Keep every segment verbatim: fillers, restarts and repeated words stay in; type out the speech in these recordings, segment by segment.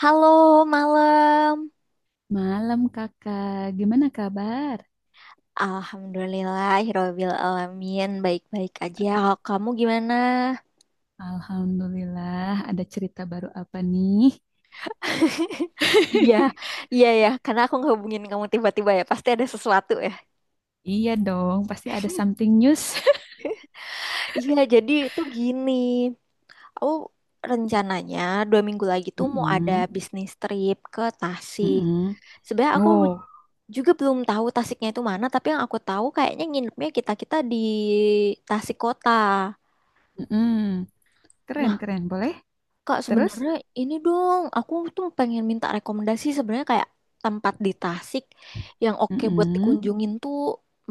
Halo, malam. Malam kakak, gimana kabar? Alhamdulillah, Hirobil Alamin. Baik-baik aja. Kalau kamu gimana? Alhamdulillah, ada cerita baru apa nih? Iya, iya ya. Karena aku ngehubungin kamu tiba-tiba ya. Pasti ada sesuatu ya. Iya dong, pasti ada something news. Iya, jadi itu gini. Aku rencananya dua minggu lagi tuh mau ada Mm-mm, bisnis trip ke Tasik. mm-mm. Sebenarnya aku Wow, juga belum tahu Tasiknya itu mana. Tapi yang aku tahu kayaknya nginepnya kita-kita di Tasik Kota. mm-mm. Keren, keren. Boleh? Kak, Terus? sebenarnya ini dong, aku tuh pengen minta rekomendasi sebenarnya kayak tempat di Tasik yang oke buat Mm-mm. dikunjungin tuh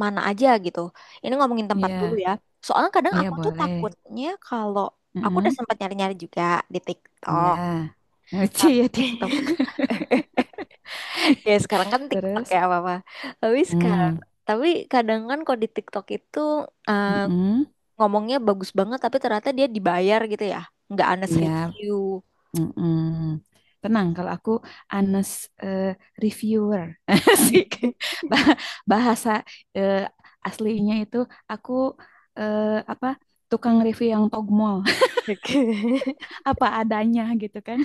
mana aja gitu. Ini ngomongin tempat dulu Iya, ya. Soalnya kadang iya aku tuh boleh. takutnya kalau aku udah Mm-mm. sempat nyari-nyari juga di Iya, TikTok. Ngeci ya Tapi TikTok. ya sekarang kan TikTok ya Terus? apa-apa. Tapi sekarang, Mm. tapi kadang kan kalau di TikTok itu eh, Mm-mm. ngomongnya bagus banget tapi ternyata dia dibayar gitu ya. Nggak honest Iya, review. Mm-mm. Tenang, kalau aku honest eh, reviewer. Asik. Bah- Bahasa eh, aslinya itu aku eh, apa tukang review yang togmol, Oke. apa adanya gitu kan.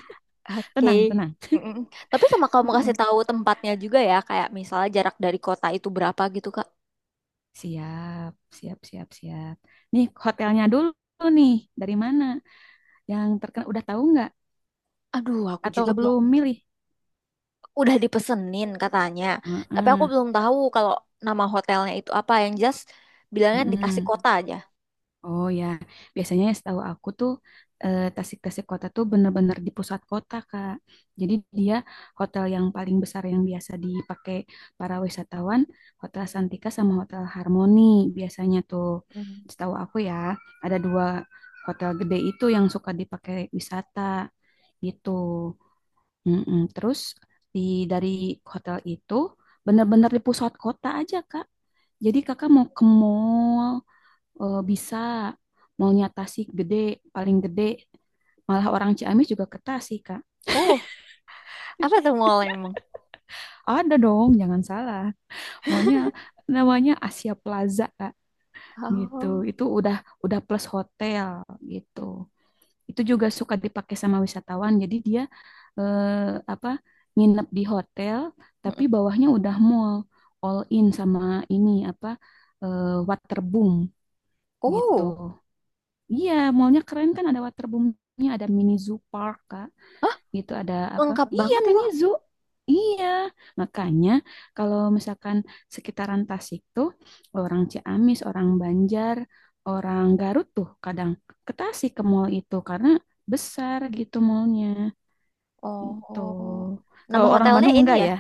Oke. Tenang, tenang. Mm-mm. Tapi sama kamu kasih mm tahu tempatnya juga ya, kayak misalnya jarak dari kota itu berapa gitu, Kak. Siap, siap, siap, siap. Nih hotelnya dulu nih, dari mana? Yang terkenal udah tahu nggak? Aduh, aku Atau juga belum belum milih? udah dipesenin katanya. Tapi aku Heeh. belum tahu kalau nama hotelnya itu apa yang just bilangnya dikasih mm kota aja. Oh ya, biasanya setahu aku tuh eh, Tasik-Tasik kota tuh bener-bener di pusat kota, Kak. Jadi dia hotel yang paling besar yang biasa dipakai para wisatawan, Hotel Santika sama Hotel Harmoni biasanya tuh. Mm. Setahu aku ya, ada dua hotel gede itu yang suka dipakai wisata gitu. Mm-mm. Terus di dari hotel itu bener-bener di pusat kota aja, Kak. Jadi kakak mau ke mall, eh, bisa maunya Tasik gede, paling gede. Malah orang Ciamis juga ke Tasik, Kak. Oh, apa tuh mall emang? Ada dong, jangan salah. Maunya namanya Asia Plaza, Kak. Gitu. Oh. Itu udah udah plus hotel gitu. Itu juga suka dipakai sama wisatawan. Jadi dia eh, apa nginep di hotel tapi Mm-mm. bawahnya udah mall all in sama ini apa eh, waterboom gitu. Oh. Iya, mallnya keren kan ada waterboomnya, ada mini zoo park kak, Hah? gitu ada apa? Lengkap Iya banget itu. mini zoo, iya makanya kalau misalkan sekitaran Tasik tuh orang Ciamis, orang Banjar, orang Garut tuh kadang ke Tasik ke mall itu karena besar gitu mallnya gitu. Oh. Nama Kalau orang hotelnya Bandung ini enggak ya? ya?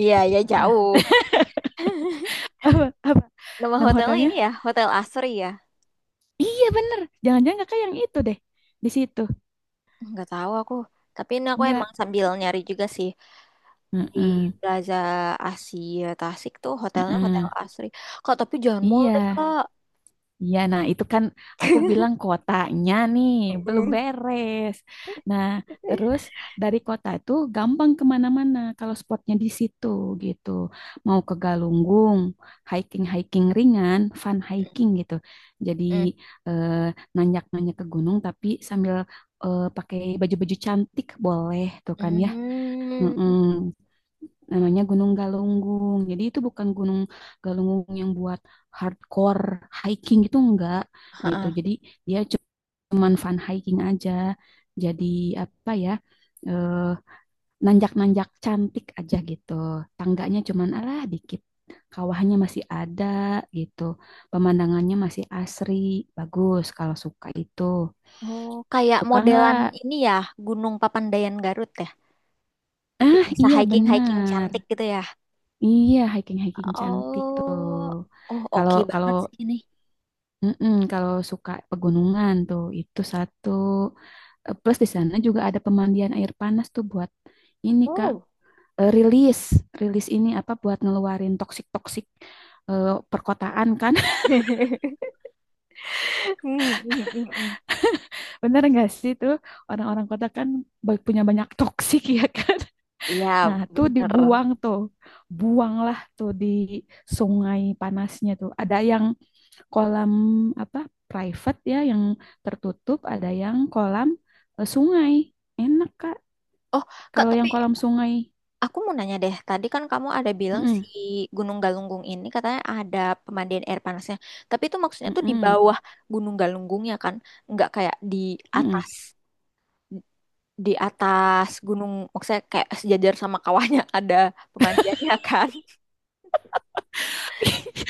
Iya, ya Apa? jauh. Apa? Apa? Nama Nama hotelnya hotelnya? ini ya, Hotel Asri ya. Iya bener, jangan-jangan kakak yang itu deh di situ, Nggak tahu aku, tapi ini aku enggak? emang sambil nyari juga sih di Heeh, Plaza Asia Tasik tuh hotelnya Hotel heeh. Asri, Kak, tapi jangan mall deh, Iya. Kak. Iya, nah itu kan aku bilang kotanya nih belum Mm-mm. beres. Nah, Mm. terus dari kota itu gampang kemana-mana kalau spotnya di situ gitu. Mau ke Galunggung, hiking-hiking ringan, fun hiking gitu. Jadi Mm. eh, nanjak-nanjak ke gunung tapi sambil eh, pakai baju-baju cantik boleh tuh kan ya. Mm-mm, Mm. namanya Gunung Galunggung. Jadi itu bukan Gunung Galunggung yang buat hardcore hiking gitu enggak Ha gitu. ha. Jadi dia cuman fun hiking aja. Jadi apa ya? eh, nanjak-nanjak cantik aja gitu. Tangganya cuman alah dikit. Kawahnya masih ada gitu. Pemandangannya masih asri, bagus kalau suka itu. Oh, kayak Suka modelan nggak? ini ya, Gunung Papandayan Garut ya. Yang Ah, bisa iya hiking-hiking benar. cantik gitu ya. Iya, hiking-hiking cantik tuh. Oh, oh Kalau oke kalau banget sih ini. mm-mm, kalau suka pegunungan tuh itu satu. Eh, Plus di sana juga ada pemandian air panas tuh buat ini Kak, Oh. eh, rilis, rilis ini apa buat ngeluarin toksik-toksik eh, perkotaan kan. Mm, mm, mm, mm. Bener nggak sih tuh orang-orang kota kan ba- punya banyak toksik ya kan. Iya, Nah, tuh bener. dibuang tuh. Buanglah tuh di sungai panasnya tuh. Ada yang kolam apa private ya yang tertutup, ada yang kolam eh, sungai. Enak Kak. Oh, Kak, Kalau yang tapi kolam sungai, aku mau nanya deh, tadi kan kamu ada bilang si mm-mm, Gunung Galunggung ini katanya ada pemandian air panasnya. Tapi itu maksudnya tuh di mm-mm, bawah Gunung Galunggungnya kan, nggak kayak di mm-mm. atas, di atas gunung, maksudnya kayak sejajar sama kawahnya ada pemandiannya kan.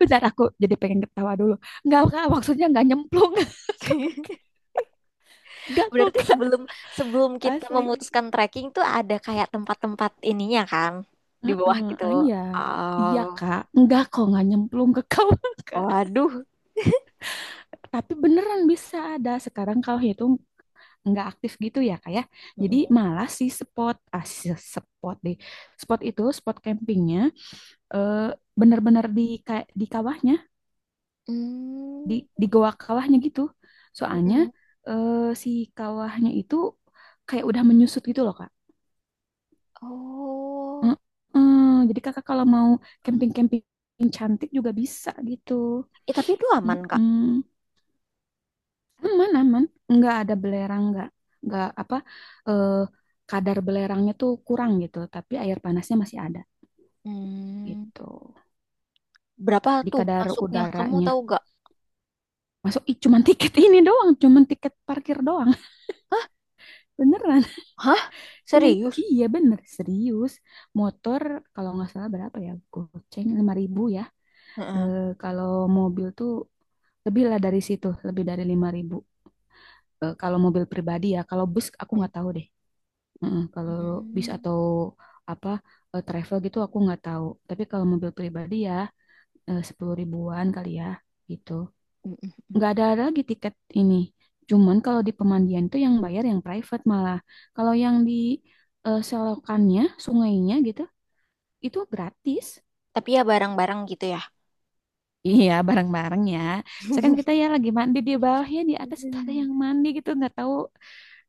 Bentar aku jadi pengen ketawa dulu. Enggak Kak, maksudnya enggak nyemplung. Enggak kok Berarti Kak, sebelum sebelum kita asli. memutuskan trekking tuh ada kayak tempat-tempat ininya kan di bawah Heeh, gitu. ah, iya. Iya Oh, Kak, enggak kok enggak nyemplung ke kawah Kak. waduh. Tapi beneran bisa ada sekarang kalau itu nggak aktif gitu ya kak ya, jadi Mm-mm. malah si spot ah si spot deh spot itu spot campingnya eh, bener-bener di ka- di kawahnya, di Hmm, di goa kawahnya gitu soalnya mm-mm. eh, si kawahnya itu kayak udah menyusut gitu loh kak. Oh. Mm-mm. Jadi kakak kalau mau camping-camping cantik juga bisa gitu. Eh, tapi itu aman, Kak. Mm-mm. aman aman nggak ada belerang, nggak nggak apa eh, kadar belerangnya tuh kurang gitu, tapi air panasnya masih ada. Hmm. Gitu, Berapa di tuh kadar masuknya? Kamu udaranya. tahu gak? Masuk ih cuman tiket ini doang, cuman tiket parkir doang. Hah? Beneran Hah? cuman, Serius? iya bener serius. Motor kalau nggak salah berapa ya, goceng, lima ribu ya. Heeh. Eh, kalau mobil tuh lebih lah dari situ, lebih dari lima ribu. Eh, kalau mobil pribadi ya, kalau bus aku Hmm. nggak tahu deh. Mm kalau bis Hmm. atau apa eh, travel gitu aku nggak tahu, tapi kalau mobil pribadi ya eh, sepuluh ribuan kali ya gitu. Hmm. Hmm. Nggak ada lagi tiket ini. Cuman kalau di pemandian tuh yang bayar yang private malah. Kalau yang di eh, selokannya, sungainya gitu, itu gratis. Tapi ya barang-barang gitu ya. Iya, bareng-bareng ya. Misalkan kita ya lagi mandi di bawah ya, di atas tuh ada Hmm. yang mandi gitu, nggak tahu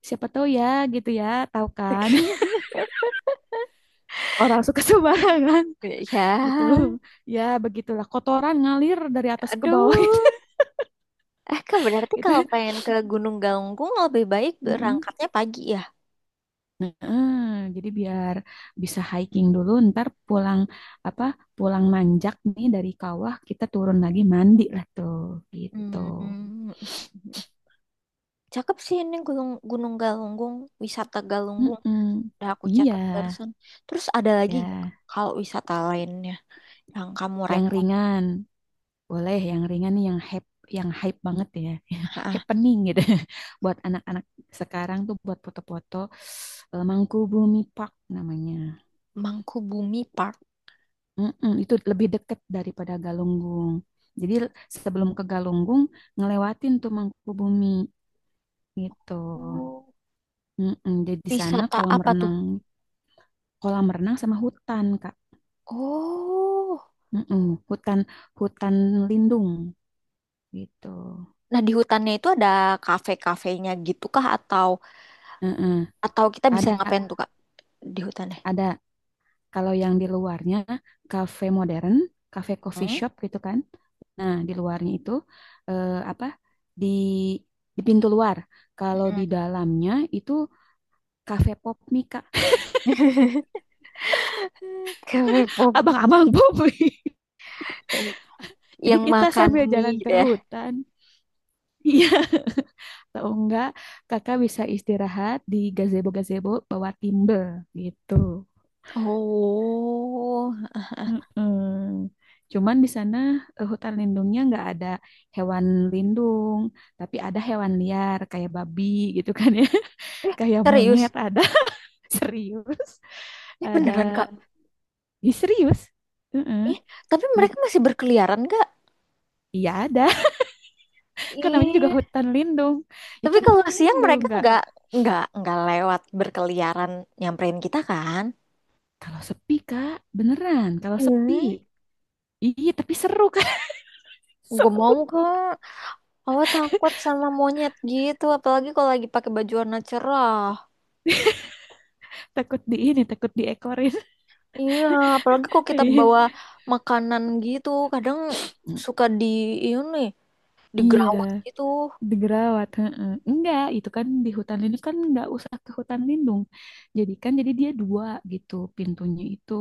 siapa tahu ya gitu ya, tahu kan? Oke. Orang suka sembarangan gitu. Ya, Ya begitulah, kotoran ngalir dari atas ke bawah gitu. aduh. Eh, Kak, berarti Gitu. kalau pengen ke Gunung Galunggung lebih baik Mm-mm. berangkatnya pagi ya. Heeh, jadi biar bisa hiking dulu, ntar pulang apa pulang manjak nih dari kawah kita turun lagi mandi lah tuh gitu. Hmm. Cakep sih ini Gunung Gunung Galunggung, wisata Galunggung. Mm-mm. Udah aku Iya, catat barusan. Terus ada lagi nggak ya kalau wisata lain yang kamu yang rekor. ringan boleh, yang ringan nih yang hype, yang hype banget ya, Heeh. happening gitu. Buat anak-anak sekarang tuh buat foto-foto eh, Mangkubumi Park namanya. Mangkubumi Park. Mm-mm, itu lebih dekat daripada Galunggung. Jadi sebelum ke Galunggung ngelewatin tuh Mangkubumi gitu. Oh, Mm-mm, jadi di sana wisata kolam apa tuh? renang, kolam renang sama hutan Kak. Oh, Mm-mm, hutan hutan lindung gitu. nah di hutannya itu ada kafe-kafenya gitu kah atau Mm-mm. atau kita bisa Ada ngapain tuh, Kak, di hutannya? ada kalau yang di luarnya kafe modern, kafe coffee Hmm? shop gitu kan. Nah di luarnya itu eh, apa di di pintu luar. Kalau di Mm-mm. dalamnya itu kafe pop mie kak. Kafe pop, Abang-abang pop mie jadi yang kita makan sambil mie jalan ke gitu ya. hutan. Iya, atau enggak kakak bisa istirahat di gazebo gazebo bawah timbel gitu. Oh, Mm-mm. Cuman di sana eh, hutan lindungnya nggak ada hewan lindung, tapi ada hewan liar kayak babi gitu kan ya, eh, kayak monyet serius? ada. Serius, Eh, ada. beneran, Kak? Ih, serius. Heeh. Eh, tapi mereka Gitu. masih berkeliaran nggak? Iya ada, kan namanya juga Ih, hutan lindung. Ya tapi kan kalau hutan siang lindung mereka nggak. nggak, nggak nggak lewat berkeliaran nyamperin kita kan? Kalau sepi Kak, beneran. Kalau sepi. Iya, tapi seru Kak. Gue Seru. mau, kak. Awal takut sama monyet gitu, apalagi kalau lagi pakai baju warna cerah. Takut di ini, takut diekorin. Iya, apalagi kalau kita bawa makanan gitu, kadang suka di ini Iya. digerawat gitu. Digerawat heeh. Enggak, itu kan di hutan lindung, kan enggak usah ke hutan lindung, jadi kan jadi dia dua gitu pintunya itu.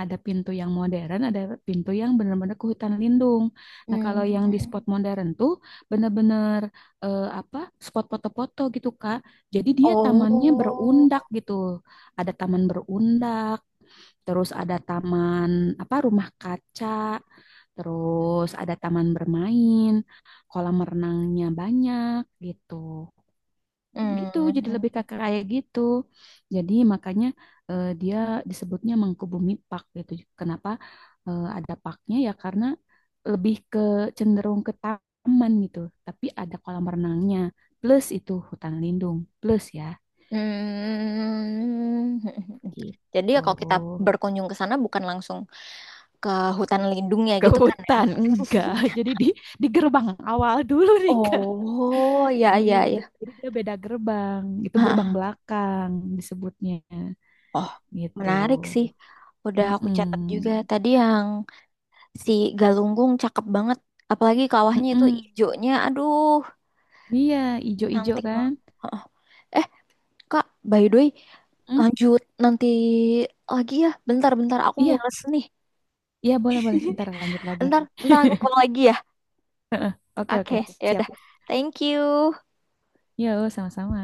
Ada pintu yang modern, ada pintu yang benar-benar ke hutan lindung. Nah Hmm. kalau yang di spot modern tuh benar-benar eh, apa spot foto-foto gitu Kak. Jadi dia tamannya Oh. berundak gitu, ada taman berundak, terus ada taman apa rumah kaca, terus ada taman bermain, kolam renangnya banyak gitu. Gitu, jadi Hmm. lebih ke kayak gitu. Jadi makanya eh, dia disebutnya Mangkubumi Park gitu. Kenapa eh, ada parknya ya karena lebih ke cenderung ke taman gitu, tapi ada kolam renangnya plus itu hutan lindung plus ya Hmm. Jadi ya gitu. kalau kita berkunjung ke sana bukan langsung ke hutan lindung ya Ke gitu kan ya. hutan enggak. Jadi di di gerbang awal dulu nih kak Oh, ya ya gitu. ya. Jadi dia beda gerbang, itu gerbang Ha, belakang disebutnya oh, gitu. menarik sih. Udah aku catat juga. mm Tadi yang si Galunggung cakep banget. Apalagi kawahnya itu hijaunya. Aduh, iya, ijo-ijo cantik kan. banget. Heeh. Eh, Kak, by the way, Mm, lanjut nanti lagi ya. Bentar-bentar aku iya, mules nih. iya boleh, boleh ntar lanjut lagi. Bentar, bentar aku call lagi ya. oke Oke, oke ya siap, udah. Thank you. yuk sama-sama.